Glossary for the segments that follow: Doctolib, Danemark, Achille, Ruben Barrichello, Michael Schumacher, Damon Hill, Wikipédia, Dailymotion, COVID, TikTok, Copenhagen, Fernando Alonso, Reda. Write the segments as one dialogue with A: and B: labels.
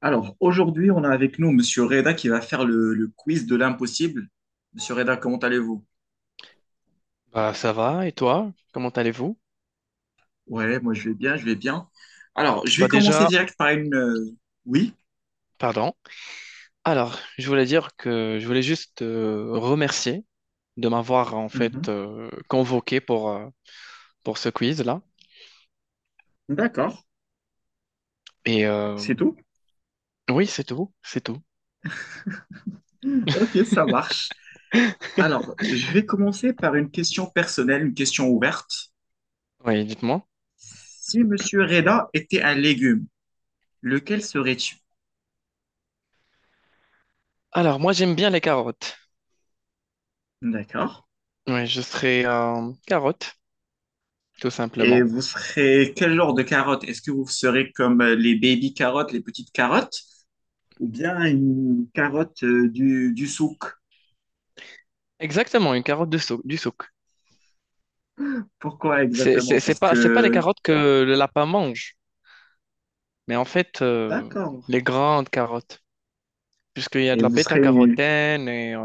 A: Alors, aujourd'hui, on a avec nous Monsieur Reda qui va faire le quiz de l'impossible. Monsieur Reda, comment allez-vous?
B: Bah, ça va, et toi? Comment allez-vous?
A: Ouais, moi je vais bien, je vais bien. Alors, je vais
B: Bah
A: commencer
B: déjà,
A: direct par une... Oui?
B: pardon. Alors, je voulais dire que je voulais juste te remercier de m'avoir en fait
A: Mhm.
B: convoqué pour ce quiz-là.
A: D'accord,
B: Et
A: c'est tout.
B: oui, c'est tout, c'est tout.
A: Ok, ça marche. Alors, je vais commencer par une question personnelle, une question ouverte.
B: Oui, dites-moi.
A: Si Monsieur Reda était un légume, lequel serais-tu?
B: Alors, moi j'aime bien les carottes.
A: D'accord.
B: Oui, je serais carotte, tout
A: Et
B: simplement.
A: vous serez quel genre de carotte? Est-ce que vous serez comme les baby carottes, les petites carottes? Ou bien une carotte du souk.
B: Exactement, une carotte du souk.
A: Pourquoi
B: C'est
A: exactement?
B: c'est- c'est
A: Parce
B: pas, c'est pas les
A: que,
B: carottes que le lapin mange, mais en fait,
A: d'accord.
B: les grandes carottes. Puisqu'il y a
A: Et
B: de la
A: vous serez,
B: bêta-carotène et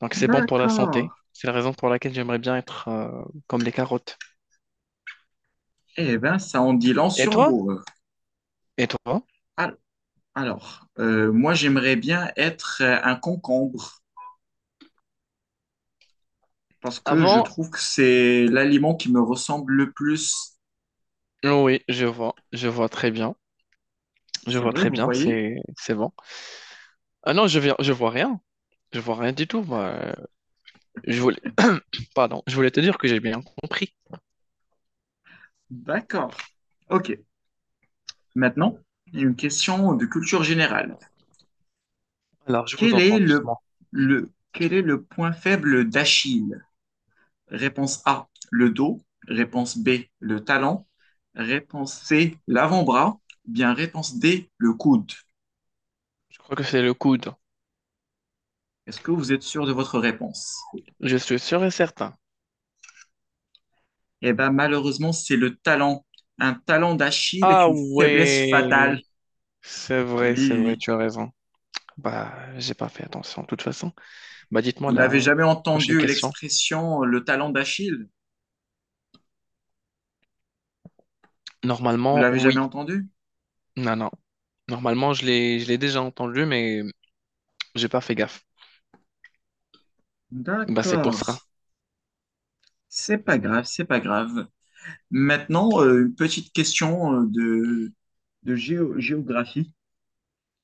B: donc c'est bon pour la
A: d'accord.
B: santé. C'est la raison pour laquelle j'aimerais bien être comme les carottes.
A: Eh bien, ça en dit long
B: Et
A: sur
B: toi?
A: vous.
B: Et toi?
A: Al- Alors, moi, j'aimerais bien être un concombre parce que je
B: Avant,
A: trouve que c'est l'aliment qui me ressemble le plus.
B: oui, je vois très bien, je
A: C'est
B: vois
A: vrai,
B: très
A: vous
B: bien,
A: voyez?
B: c'est bon. Ah non, je viens, je vois rien du tout. Moi. Je voulais, pardon, je voulais te dire que j'ai bien compris.
A: D'accord. OK. Maintenant, une question de culture générale.
B: Alors je vous
A: Quel est
B: entends
A: le,
B: doucement.
A: quel est le point faible d'Achille? Réponse A, le dos. Réponse B, le talon. Réponse C, l'avant-bras. Bien réponse D, le coude.
B: Je crois que c'est le coude.
A: Est-ce que vous êtes sûr de votre réponse?
B: Je suis sûr et certain.
A: Eh bien, malheureusement, c'est le talon. Un talon d'Achille est
B: Ah
A: une faiblesse
B: ouais,
A: fatale. Oui,
B: c'est
A: oui,
B: vrai,
A: oui.
B: tu as raison. Bah, j'ai pas fait attention de toute façon. Bah, dites-moi
A: Vous
B: la
A: n'avez jamais
B: prochaine
A: entendu
B: question.
A: l'expression le talon d'Achille? Vous
B: Normalement,
A: l'avez jamais
B: oui.
A: entendu?
B: Non, non. Normalement, je l'ai déjà entendu, mais j'ai pas fait gaffe. Bah, c'est pour
A: D'accord.
B: ça.
A: C'est pas grave, c'est pas grave. Maintenant, une petite question de géographie.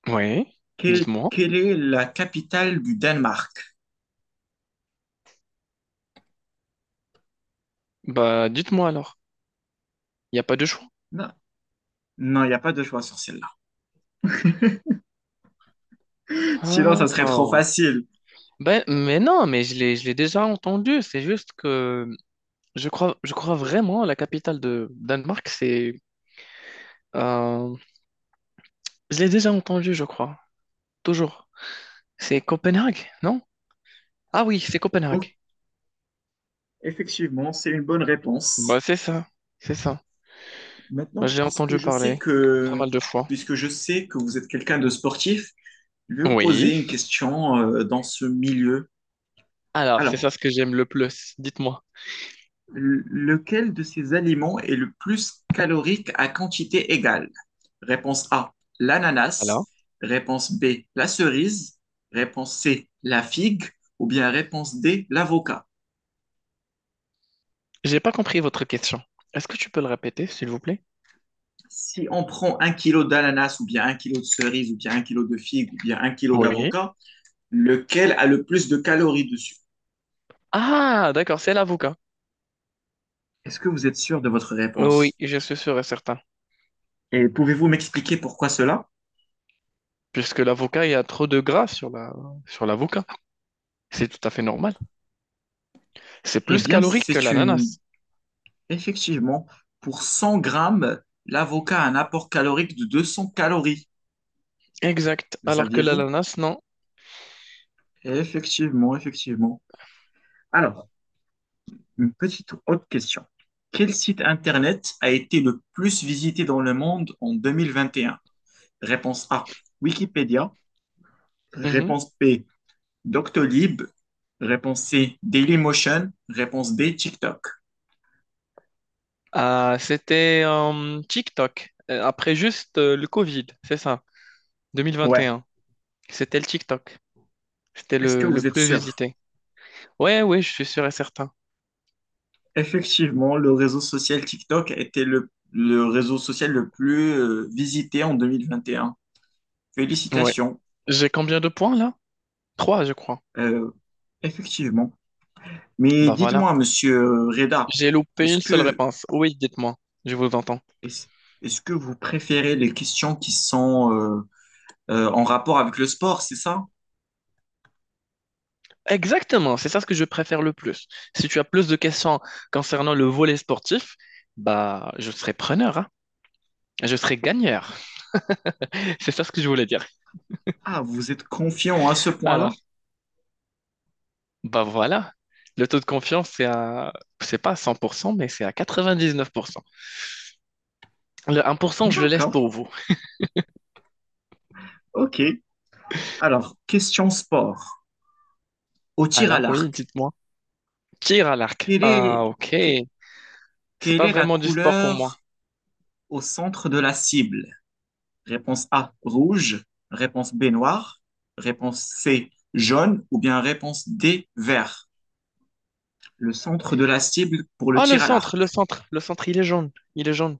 B: Oui, dites-moi.
A: Quelle est la capitale du Danemark?
B: Bah, dites-moi alors. Il n'y a pas de choix.
A: Non, non, il n'y a pas de choix sur celle-là. Sinon, ça serait trop
B: D'accord.
A: facile.
B: Ben, mais non, mais je l'ai déjà entendu. C'est juste que je crois vraiment la capitale de Danemark, c'est. euh, je l'ai déjà entendu, je crois. Toujours. C'est Copenhague, non? Ah oui, c'est
A: Donc,
B: Copenhague.
A: effectivement, c'est une bonne
B: Bah,
A: réponse.
B: c'est ça. C'est ça. Bah,
A: Maintenant,
B: j'ai entendu parler pas mal de fois.
A: puisque je sais que vous êtes quelqu'un de sportif, je vais vous poser
B: Oui.
A: une question dans ce milieu.
B: Alors, c'est ça
A: Alors,
B: ce que j'aime le plus. Dites-moi.
A: lequel de ces aliments est le plus calorique à quantité égale? Réponse A,
B: Alors,
A: l'ananas. Réponse B, la cerise. Réponse C, la figue. Ou bien réponse D, l'avocat.
B: j'ai pas compris votre question. Est-ce que tu peux le répéter, s'il vous plaît?
A: Si on prend un kilo d'ananas ou bien un kilo de cerise ou bien un kilo de figue ou bien un kilo
B: Oui.
A: d'avocat, lequel a le plus de calories dessus?
B: Ah, d'accord, c'est l'avocat.
A: Est-ce que vous êtes sûr de votre
B: Oui,
A: réponse?
B: je suis sûr et certain.
A: Et pouvez-vous m'expliquer pourquoi cela?
B: Puisque l'avocat, il y a trop de gras sur la sur l'avocat. C'est tout à fait normal. C'est
A: Eh
B: plus
A: bien,
B: calorique que
A: c'est une...
B: l'ananas.
A: Effectivement, pour 100 grammes, l'avocat a un apport calorique de 200 calories.
B: Exact.
A: Le
B: Alors que
A: saviez-vous?
B: l'ananas, non.
A: Effectivement, effectivement. Alors, une petite autre question. Quel site internet a été le plus visité dans le monde en 2021? Réponse A, Wikipédia.
B: Mhm.
A: Réponse B, Doctolib. Réponse C, Dailymotion. Réponse D, TikTok.
B: Ah, c'était TikTok. Après juste le Covid, c'est ça.
A: Ouais,
B: 2021. C'était le TikTok. C'était
A: est-ce que
B: le
A: vous êtes
B: plus
A: sûr?
B: visité. Ouais, ouais, je suis sûr et certain.
A: Effectivement, le réseau social TikTok était le réseau social le plus visité en 2021.
B: Ouais.
A: Félicitations.
B: J'ai combien de points là? Trois, je crois.
A: Euh, effectivement. Mais
B: Bah voilà.
A: dites-moi, monsieur Reda,
B: J'ai loupé
A: est-ce
B: une seule
A: que
B: réponse. Oui, dites-moi. Je vous entends.
A: Est-ce est-ce que vous préférez les questions qui sont en rapport avec le sport, c'est ça?
B: Exactement, c'est ça ce que je préfère le plus. Si tu as plus de questions concernant le volet sportif, bah je serai preneur, hein. Je serai gagneur. C'est ça ce que je voulais dire.
A: Ah, vous êtes confiant à ce
B: Alors,
A: point-là?
B: bah voilà. Le taux de confiance, c'est pas à 100%, mais c'est à 99%. Le un pour cent je le laisse
A: D'accord,
B: pour vous.
A: ok. Alors, question sport. Au tir à
B: Alors, oui,
A: l'arc,
B: dites-moi. Tir à l'arc.
A: quelle est,
B: Ah, ok.
A: que-
B: C'est
A: quelle
B: pas
A: est la
B: vraiment du sport pour moi.
A: couleur au centre de la cible? Réponse A, rouge. Réponse B, noir. Réponse C, jaune. Ou bien réponse D, vert. Le centre de la cible pour le
B: Ah, le
A: tir à l'arc.
B: centre, le centre, le centre, il est jaune. Il est jaune.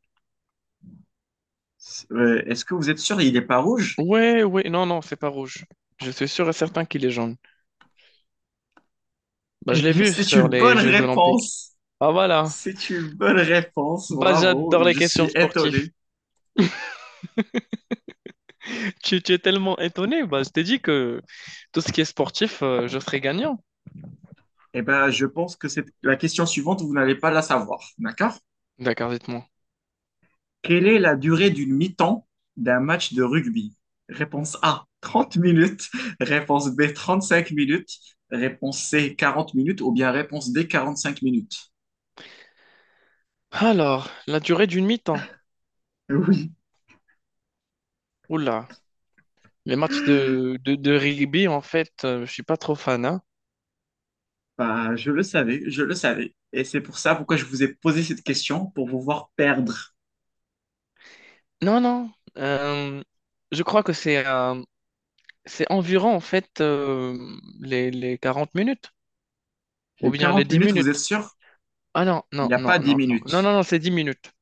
A: Est-ce que vous êtes sûr, il n'est pas rouge?
B: Ouais, ouais, non, non, c'est pas rouge. Je suis sûr et certain qu'il est jaune. Bah,
A: Eh
B: je l'ai
A: bien,
B: vu
A: c'est une
B: sur les
A: bonne
B: Jeux Olympiques.
A: réponse.
B: Ah, voilà.
A: C'est une bonne réponse.
B: Bah,
A: Bravo.
B: j'adore les
A: Je
B: questions
A: suis
B: sportives.
A: étonné.
B: Tu es tellement étonné. Bah, je t'ai dit que tout ce qui est sportif, je serai gagnant.
A: Eh bien, je pense que c'est la question suivante, vous n'allez pas la savoir. D'accord?
B: D'accord, dites-moi.
A: Quelle est la durée d'une mi-temps d'un match de rugby? Réponse A, 30 minutes. Réponse B, 35 minutes. Réponse C, 40 minutes. Ou bien réponse D, 45 minutes.
B: Alors, la durée d'une mi-temps.
A: Oui,
B: Oula. Les matchs de rugby, en fait, je suis pas trop fan, hein.
A: bah, je le savais, je le savais. Et c'est pour ça pourquoi je vous ai posé cette question, pour vous voir perdre.
B: Non, non. euh, je crois que c'est c'est environ, en fait, les 40 minutes ou
A: Les
B: bien les
A: quarante
B: 10
A: minutes, vous êtes
B: minutes.
A: sûr?
B: Ah non,
A: Il
B: non,
A: n'y a
B: non,
A: pas 10
B: non, non, non, non,
A: minutes.
B: non, c'est 10 minutes.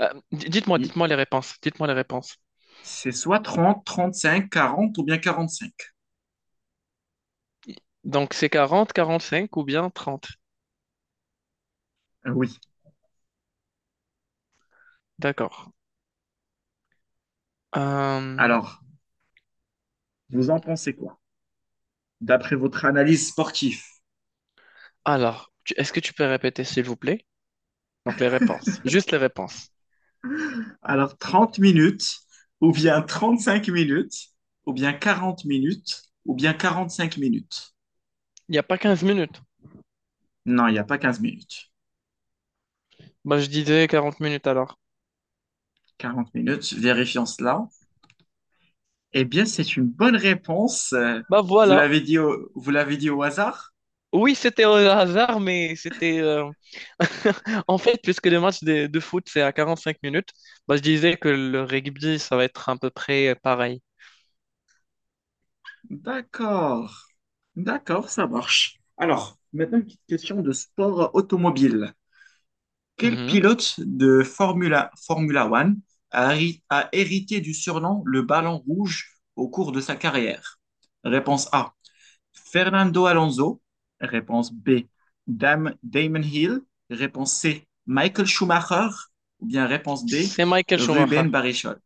B: Dites-moi, dites-moi les réponses. Dites-moi les réponses.
A: C'est soit trente, trente-cinq, quarante ou bien quarante-cinq.
B: Donc, c'est quarante quarante-cinq ou bien trente.
A: Oui.
B: D'accord. Euh,
A: Alors, vous en pensez quoi? D'après votre analyse sportive.
B: alors, est-ce que tu peux répéter, s'il vous plaît? Donc, les réponses. Juste les réponses.
A: Alors, 30 minutes ou bien 35 minutes ou bien 40 minutes ou bien 45 minutes.
B: Il n'y a pas 15 minutes.
A: Non, il n'y a pas 15 minutes.
B: Bah, je disais 40 minutes alors.
A: 40 minutes, vérifions cela. Eh bien, c'est une bonne réponse.
B: Bah,
A: Vous
B: voilà.
A: l'avez dit vous l'avez dit au hasard?
B: Oui, c'était au hasard, mais en fait, puisque le match de foot, c'est à 45 minutes, bah, je disais que le rugby, ça va être à peu près pareil.
A: D'accord. D'accord, ça marche. Alors, maintenant une petite question de sport automobile. Quel
B: Mhm.
A: pilote de Formula One a hérité du surnom le ballon rouge au cours de sa carrière? Réponse A, Fernando Alonso. Réponse B, Damon Hill. Réponse C, Michael Schumacher. Ou bien réponse D,
B: C'est Michael Schumacher.
A: Ruben Barrichello.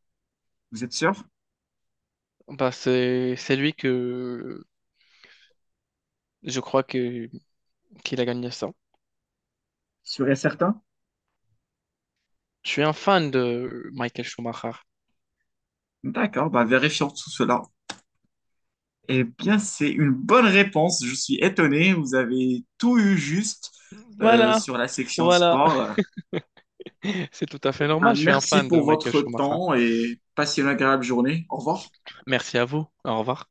A: Vous êtes sûr?
B: Bah, c'est lui que je crois que, qu'il a gagné ça.
A: Sûr et certain?
B: Je suis un fan de Michael Schumacher.
A: D'accord, bah vérifions tout cela. Eh bien, c'est une bonne réponse. Je suis étonné. Vous avez tout eu juste
B: Voilà,
A: sur la section
B: voilà.
A: sport.
B: C'est tout à
A: Eh
B: fait
A: bien,
B: normal, je suis un
A: merci
B: fan de
A: pour
B: Michael
A: votre
B: Schumacher.
A: temps et passez une agréable journée. Au revoir.
B: Merci à vous. Au revoir.